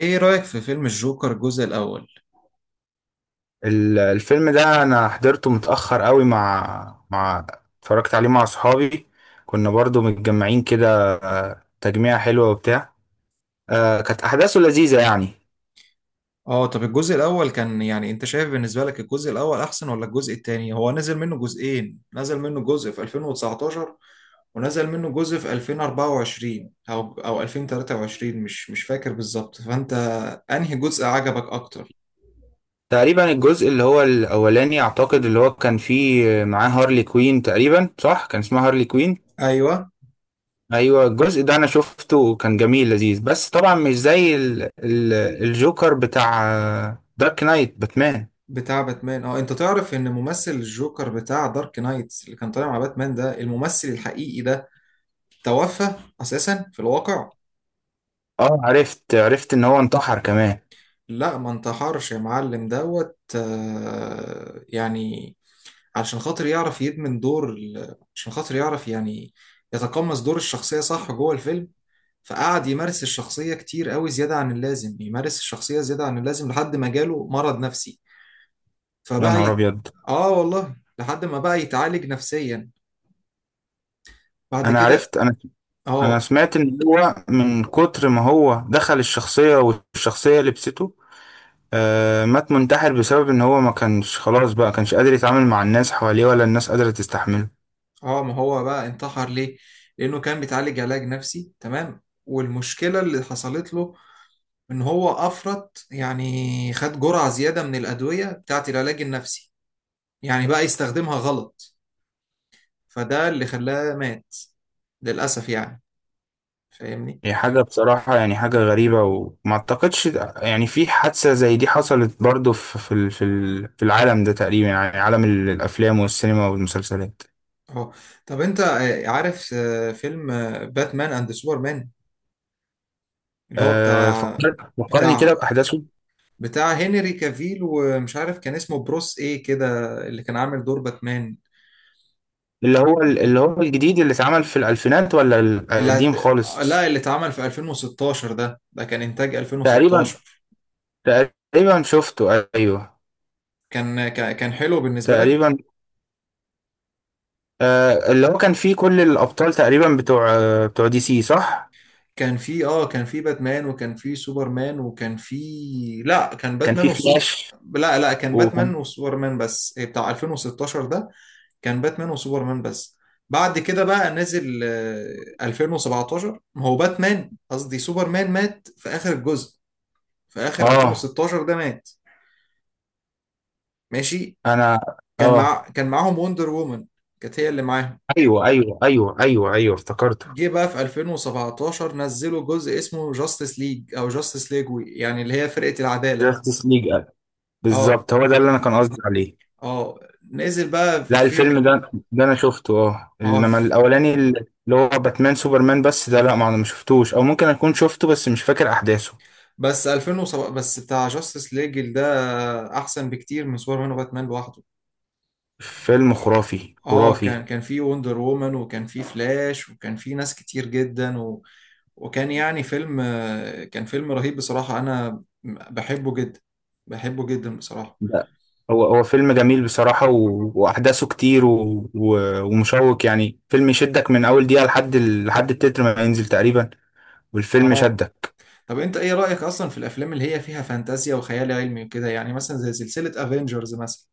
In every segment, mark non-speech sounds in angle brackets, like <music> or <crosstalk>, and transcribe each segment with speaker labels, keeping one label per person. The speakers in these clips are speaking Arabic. Speaker 1: ايه رأيك في فيلم الجوكر الجزء الأول؟
Speaker 2: الفيلم ده انا حضرته متأخر قوي مع مع اتفرجت عليه مع صحابي. كنا برضو متجمعين كده، تجميعة حلوة وبتاع. كانت احداثه لذيذة يعني.
Speaker 1: اه طب الجزء الأول كان يعني انت شايف بالنسبة لك الجزء الأول أحسن ولا الجزء التاني؟ هو نزل منه جزئين، نزل منه جزء في 2019 ونزل منه جزء في 2024 أو 2023 مش فاكر بالظبط، فأنت أنهي جزء عجبك أكتر؟
Speaker 2: تقريبا الجزء اللي هو الاولاني، اعتقد اللي هو كان فيه معاه هارلي كوين، تقريبا صح كان اسمها هارلي كوين.
Speaker 1: أيوه
Speaker 2: ايوه، الجزء ده انا شفته وكان جميل لذيذ، بس طبعا مش زي ال الجوكر بتاع دارك نايت باتمان.
Speaker 1: بتاع باتمان اه انت تعرف ان ممثل الجوكر بتاع دارك نايت اللي كان طالع مع باتمان ده الممثل الحقيقي ده توفى أساسا في الواقع؟
Speaker 2: اه، عرفت ان هو انتحر كمان.
Speaker 1: لا ما انتحرش يا معلم دوت يعني علشان خاطر يعرف يدمن دور عشان خاطر يعرف يعني يتقمص دور الشخصية صح جوه الفيلم فقعد يمارس الشخصية كتير قوي زيادة عن اللازم يمارس الشخصية زيادة عن اللازم لحد ما جاله مرض نفسي
Speaker 2: يا
Speaker 1: فبقى
Speaker 2: نهار
Speaker 1: ي...
Speaker 2: ابيض.
Speaker 1: اه والله لحد ما بقى يتعالج نفسيا بعد
Speaker 2: انا
Speaker 1: كده.
Speaker 2: عرفت انا انا
Speaker 1: اه
Speaker 2: سمعت ان هو من كتر ما هو دخل الشخصية والشخصية لبسته. مات منتحر بسبب ان هو ما كانش خلاص، بقى كانش قادر يتعامل مع الناس حواليه، ولا الناس قادرة تستحمله.
Speaker 1: اه ما هو بقى انتحر ليه؟ لأنه كان بيتعالج علاج نفسي تمام والمشكلة اللي حصلت له ان هو افرط يعني خد جرعة زيادة من الأدوية بتاعت العلاج النفسي يعني بقى يستخدمها غلط فده اللي خلاه مات للأسف يعني فاهمني.
Speaker 2: هي حاجة بصراحة، يعني حاجة غريبة، وما اعتقدش يعني في حادثة زي دي حصلت برضو في العالم ده، تقريبا يعني عالم الافلام والسينما والمسلسلات.
Speaker 1: اهو طب انت عارف فيلم باتمان اند سوبرمان اللي هو بتاع
Speaker 2: فكرني كده
Speaker 1: بتاع
Speaker 2: باحداثه.
Speaker 1: بتاع هنري كافيل ومش عارف كان اسمه بروس ايه كده اللي كان عامل دور باتمان.
Speaker 2: اللي هو الجديد اللي اتعمل في الألفينات ولا
Speaker 1: اللي
Speaker 2: القديم
Speaker 1: هت...
Speaker 2: خالص؟
Speaker 1: لا اللي اتعمل في 2016 ده كان انتاج
Speaker 2: تقريبا
Speaker 1: 2016
Speaker 2: تقريبا شفته، ايوه.
Speaker 1: كان حلو بالنسبة لك.
Speaker 2: تقريبا. اللي هو كان فيه كل الابطال تقريبا، بتوع دي سي صح.
Speaker 1: كان في كان في باتمان وكان في سوبرمان وكان في لا كان
Speaker 2: كان فيه
Speaker 1: باتمان والسو
Speaker 2: فلاش،
Speaker 1: لا لا كان
Speaker 2: وكان
Speaker 1: باتمان وسوبرمان بس بتاع 2016 ده كان باتمان وسوبرمان بس. بعد كده بقى نزل 2017 ما هو باتمان قصدي سوبرمان مات في آخر الجزء في آخر
Speaker 2: اه
Speaker 1: 2016 ده مات. ماشي.
Speaker 2: انا اه
Speaker 1: كان معاهم وندر وومن كانت هي اللي معاهم.
Speaker 2: ايوه ايوه ايوه ايوه ايوه افتكرته.
Speaker 1: جه بقى في 2017 نزلوا جزء اسمه جاستس ليج او جاستس ليج يعني اللي هي فرقة العدالة.
Speaker 2: جاستس ليج.
Speaker 1: اه
Speaker 2: بالظبط، هو ده اللي انا كان قصدي عليه.
Speaker 1: اه نزل بقى
Speaker 2: لا،
Speaker 1: في
Speaker 2: الفيلم ده انا شفته. اه
Speaker 1: اه
Speaker 2: انما
Speaker 1: في-
Speaker 2: الاولاني، اللي هو باتمان سوبرمان، بس ده لا ما انا ما شفتوش، او ممكن اكون شفته بس مش فاكر احداثه.
Speaker 1: بس 2007 بس بتاع جاستس ليجل ده احسن بكتير من سوبرمان وباتمان لوحده.
Speaker 2: فيلم خرافي
Speaker 1: اه كان
Speaker 2: خرافي.
Speaker 1: كان في وندر وومن وكان في فلاش وكان في ناس كتير جدا و... وكان يعني فيلم كان فيلم رهيب بصراحة انا بحبه جدا بحبه جدا بصراحة.
Speaker 2: لا، هو فيلم جميل بصراحة، و... وأحداثه كتير، و... و... ومشوق، يعني فيلم يشدك من أول دقيقة لحد لحد التتر ما ينزل تقريبا. والفيلم
Speaker 1: اه
Speaker 2: شدك.
Speaker 1: طب انت ايه رأيك اصلا في الافلام اللي هي فيها فانتازيا وخيال علمي وكده يعني مثلا زي سلسلة افنجرز مثلا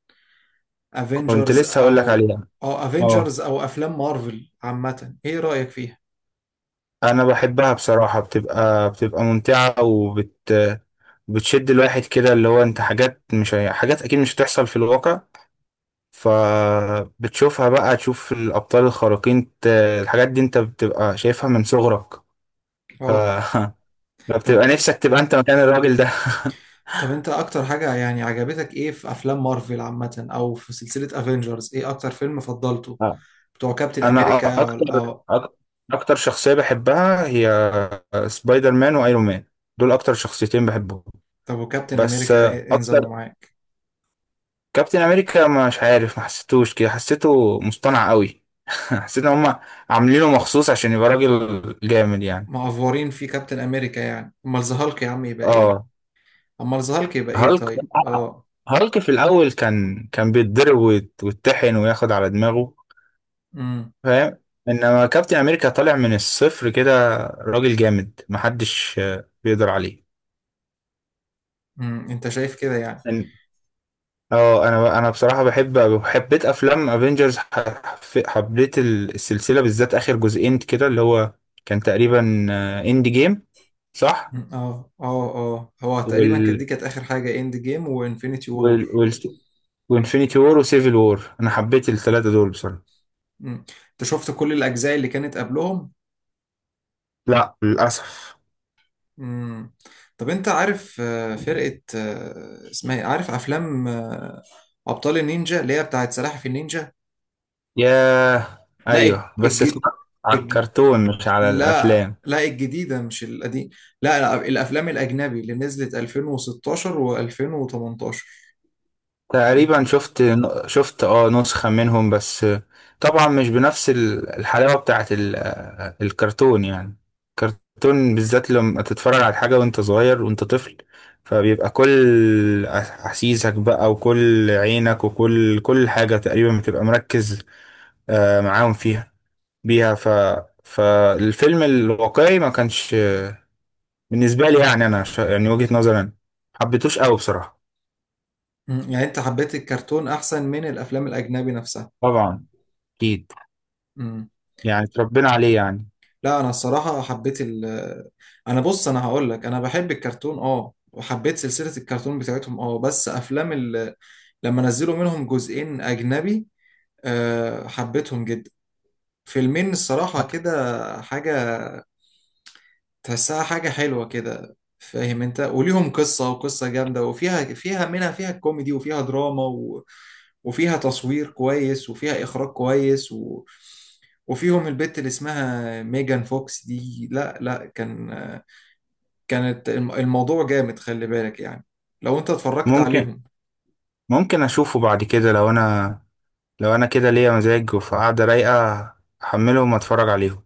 Speaker 2: كنت
Speaker 1: افنجرز
Speaker 2: لسه هقول
Speaker 1: او
Speaker 2: لك عليها.
Speaker 1: اه
Speaker 2: اه
Speaker 1: افنجرز او افلام مارفل عامة ايه رأيك فيها؟
Speaker 2: أنا بحبها بصراحة، بتبقى ممتعة، بتشد الواحد كده. اللي هو أنت، حاجات مش حاجات أكيد مش هتحصل في الواقع. فبتشوفها بقى تشوف الأبطال الخارقين، الحاجات دي أنت بتبقى شايفها من صغرك. ف
Speaker 1: اه
Speaker 2: <laughs> ما
Speaker 1: طب
Speaker 2: بتبقى نفسك تبقى انت مكان الراجل ده.
Speaker 1: انت اكتر حاجة يعني عجبتك ايه في افلام مارفل عامة او في سلسلة افنجرز ايه اكتر فيلم فضلته؟
Speaker 2: <laughs> اه
Speaker 1: بتوع كابتن
Speaker 2: انا
Speaker 1: امريكا ولا اه
Speaker 2: أك- اكتر شخصية بحبها هي سبايدر مان وايرون مان. دول اكتر شخصيتين بحبهم.
Speaker 1: طب وكابتن
Speaker 2: بس
Speaker 1: امريكا إيه انظموا
Speaker 2: اكتر،
Speaker 1: معاك؟
Speaker 2: كابتن امريكا مش عارف، ما حسيتوش كده، حسيته مصطنع قوي. <laughs> حسيت ان هم عاملينه مخصوص عشان يبقى راجل جامد يعني.
Speaker 1: معفورين في كابتن امريكا يعني امال ذا هالك يا عم يبقى ايه؟
Speaker 2: اه
Speaker 1: امال ذا هالك يبقى ايه
Speaker 2: هالك
Speaker 1: طيب؟ اه.
Speaker 2: هالك في الاول كان بيتضرب، ويتطحن وياخد على دماغه،
Speaker 1: امم.
Speaker 2: فاهم. انما كابتن امريكا طالع من الصفر كده، راجل جامد محدش بيقدر عليه.
Speaker 1: انت شايف كده يعني؟
Speaker 2: إن- انا بصراحه بحب، حبيت افلام افنجرز. حبيت السلسله بالذات، اخر جزئين كده اللي هو كان تقريبا اند جيم، صح.
Speaker 1: مم. اه اه اه هو تقريبا كانت
Speaker 2: وال
Speaker 1: دي كانت اخر حاجة اند جيم وانفينيتي وور.
Speaker 2: وال وال وانفينيتي وور وسيفل وور، انا حبيت الثلاثه دول بصراحه.
Speaker 1: مم. انت شفت كل الاجزاء اللي كانت قبلهم.
Speaker 2: لا للاسف.
Speaker 1: مم. طب انت عارف فرقة اسمها ايه عارف افلام ابطال النينجا اللي هي بتاعت سلاحف النينجا.
Speaker 2: ياه.
Speaker 1: لا الج...
Speaker 2: ايوه، بس اتفرجت
Speaker 1: الج...
Speaker 2: على
Speaker 1: الج...
Speaker 2: الكرتون مش على
Speaker 1: لا
Speaker 2: الافلام.
Speaker 1: لا الجديدة مش القديم. لا لا، الافلام الاجنبي اللي نزلت 2016 و2018. ايه.
Speaker 2: تقريبا شفت نسخة منهم بس، طبعا مش بنفس الحلاوة بتاعت الكرتون يعني. الكرتون بالذات لما تتفرج على حاجة وانت صغير، وانت طفل، فبيبقى كل أحاسيسك بقى، وكل عينك، وكل حاجة تقريبا بتبقى مركز معاهم فيها بيها. فالفيلم الواقعي ما كانش، بالنسبة لي
Speaker 1: مم.
Speaker 2: يعني، أنا يعني وجهة نظري أنا حبيتوش قوي بصراحة.
Speaker 1: يعني انت حبيت الكرتون احسن من الافلام الاجنبي نفسها.
Speaker 2: طبعا. أكيد، يعني اتربينا عليه يعني.
Speaker 1: لا انا الصراحه حبيت ال انا بص انا هقول لك انا بحب الكرتون اه وحبيت سلسله الكرتون بتاعتهم اه بس افلام لما نزلوا منهم جزئين اجنبي أه حبيتهم جدا. فيلمين الصراحه كده حاجه تحسها حاجه حلوه كده فاهم انت وليهم قصه وقصه جامده وفيها فيها كوميدي وفيها دراما و... وفيها تصوير كويس وفيها اخراج كويس و... وفيهم البت اللي اسمها ميجان فوكس دي. لا لا كان الموضوع جامد خلي بالك يعني لو انت اتفرجت
Speaker 2: ممكن
Speaker 1: عليهم.
Speaker 2: ممكن اشوفه بعد كده لو انا كده ليا مزاج وفي قعده رايقه، احملهم واتفرج عليهم.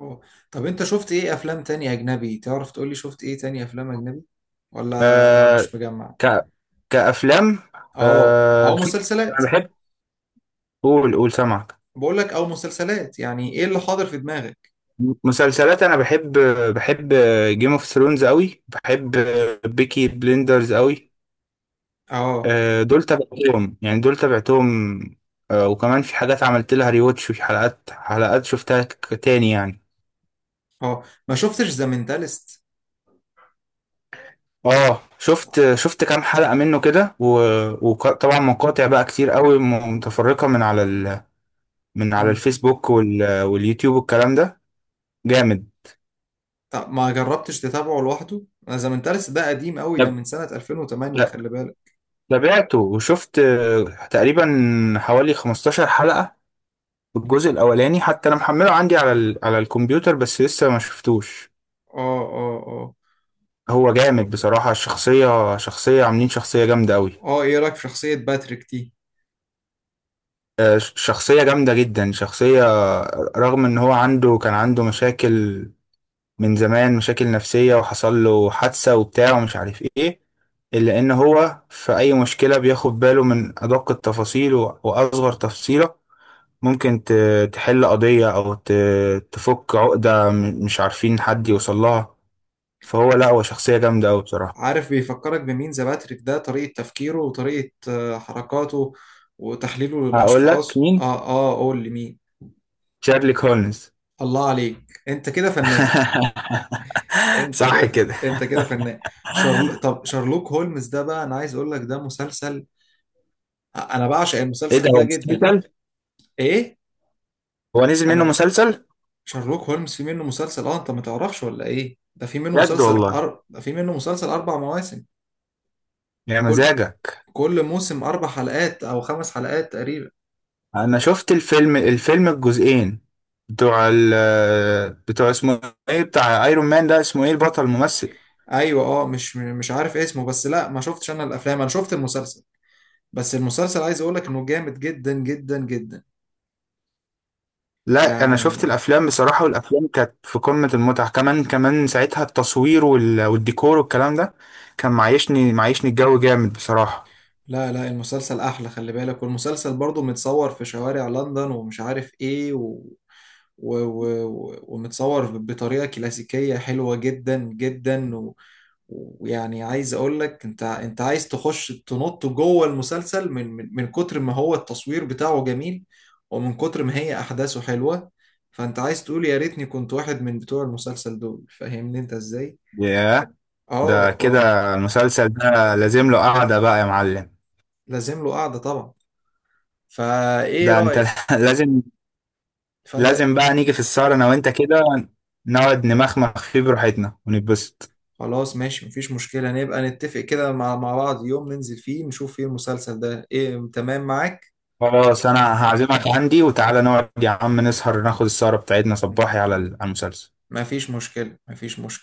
Speaker 1: اه طب انت شفت ايه افلام تانية اجنبي تعرف تقولي شفت ايه تانية افلام اجنبي ولا
Speaker 2: أه
Speaker 1: مش مجمع.
Speaker 2: ك كافلام.
Speaker 1: اه او
Speaker 2: شوف،
Speaker 1: مسلسلات.
Speaker 2: انا بحب. قول قول سامعك.
Speaker 1: بقول لك او مسلسلات يعني ايه اللي حاضر في دماغك.
Speaker 2: مسلسلات انا بحب جيم اوف ثرونز قوي. بحب بيكي بليندرز قوي.
Speaker 1: اه
Speaker 2: دول تابعتهم يعني، دول تابعتهم. وكمان في حاجات عملت لها ريواتش، وفي حلقات، حلقات شفتها تاني يعني.
Speaker 1: اه ما شفتش ذا مينتالست.
Speaker 2: اه شفت كام حلقة منه كده، وطبعا مقاطع بقى كتير قوي متفرقة من على من على
Speaker 1: امم.
Speaker 2: الفيسبوك واليوتيوب والكلام ده، جامد.
Speaker 1: طب ما جربتش تتابعه لوحده ذا مينتالست ده قديم قوي ده
Speaker 2: طب
Speaker 1: من سنة 2008
Speaker 2: لا،
Speaker 1: خلي بالك.
Speaker 2: تابعته وشفت تقريبا حوالي 15 حلقة. الجزء الأولاني حتى أنا محمله عندي على على الكمبيوتر، بس لسه ما شفتوش.
Speaker 1: اه اه اه
Speaker 2: هو جامد بصراحة، الشخصية، شخصية عاملين شخصية جامدة قوي.
Speaker 1: اه ايه رايك في شخصية باتريك دي.
Speaker 2: شخصية جامدة جدا. شخصية رغم إن هو عنده، كان عنده مشاكل من زمان، مشاكل نفسية، وحصل له حادثة وبتاع ومش عارف ايه، إلا إن هو في أي مشكلة بياخد باله من أدق التفاصيل، وأصغر تفصيلة. ممكن تحل قضية، أو تفك عقدة مش عارفين حد يوصل لها. فهو لأ، هو شخصية جامدة أوي بصراحة.
Speaker 1: عارف بيفكرك بمين ذا باتريك ده طريقة تفكيره وطريقة حركاته وتحليله
Speaker 2: هقول لك
Speaker 1: للأشخاص
Speaker 2: مين؟
Speaker 1: اه اه قول لي مين.
Speaker 2: شارلوك هولمز.
Speaker 1: الله عليك انت كده فنان.
Speaker 2: <laughs>
Speaker 1: انت
Speaker 2: صح
Speaker 1: كده
Speaker 2: كده.
Speaker 1: انت كده فنان. طب شارلوك هولمز ده بقى انا عايز اقول لك ده مسلسل انا بعشق
Speaker 2: إيه ده،
Speaker 1: المسلسل
Speaker 2: هو
Speaker 1: ده جدا.
Speaker 2: مسلسل؟
Speaker 1: ايه.
Speaker 2: هو نزل
Speaker 1: انا
Speaker 2: منه
Speaker 1: ب...
Speaker 2: مسلسل؟
Speaker 1: شارلوك هولمز في منه مسلسل اه انت ما تعرفش ولا ايه ده في منه
Speaker 2: بجد
Speaker 1: مسلسل
Speaker 2: والله.
Speaker 1: ده في منه مسلسل اربع مواسم.
Speaker 2: يا
Speaker 1: كل
Speaker 2: مزاجك.
Speaker 1: كل موسم اربع حلقات او خمس حلقات تقريبا.
Speaker 2: انا شفت الفيلم الجزئين بتوع ال بتوع، اسمه ايه بتاع ايرون مان ده، اسمه ايه البطل الممثل.
Speaker 1: ايوه اه مش عارف اسمه بس لا ما شفتش انا الافلام انا شفت المسلسل بس المسلسل عايز اقولك انه جامد جدا جدا جدا
Speaker 2: لا، انا شفت
Speaker 1: يعني.
Speaker 2: الافلام بصراحة، والافلام كانت في قمة المتعة، كمان كمان ساعتها التصوير والديكور والكلام ده، كان معيشني الجو جامد بصراحة.
Speaker 1: لا لا المسلسل احلى خلي بالك والمسلسل برضو متصور في شوارع لندن ومش عارف ايه و... و... و... ومتصور بطريقة كلاسيكية حلوة جدا جدا و... ويعني عايز اقول لك انت انت عايز تخش تنط جوه المسلسل من كتر ما هو التصوير بتاعه جميل ومن كتر ما هي احداثه حلوة فانت عايز تقول يا ريتني كنت واحد من بتوع المسلسل دول فاهمني انت ازاي.
Speaker 2: ياه. ده
Speaker 1: اه اه
Speaker 2: كده المسلسل ده لازم له قعدة بقى يا معلم.
Speaker 1: لازم له قعدة طبعا. فايه
Speaker 2: ده انت.
Speaker 1: رأيك
Speaker 2: <laughs> لازم.
Speaker 1: فانت
Speaker 2: لازم بقى نيجي في السهرة انا وانت كده، نقعد نمخمخ فيه براحتنا ونتبسط.
Speaker 1: خلاص ماشي مفيش مشكلة نبقى نتفق كده مع بعض يوم ننزل فيه نشوف فيه المسلسل ده ايه تمام معاك.
Speaker 2: خلاص، انا هعزمك عندي، وتعالى نقعد يا عم نسهر، ناخد السهرة بتاعتنا صباحي على على المسلسل.
Speaker 1: مفيش مشكلة مفيش مشكلة.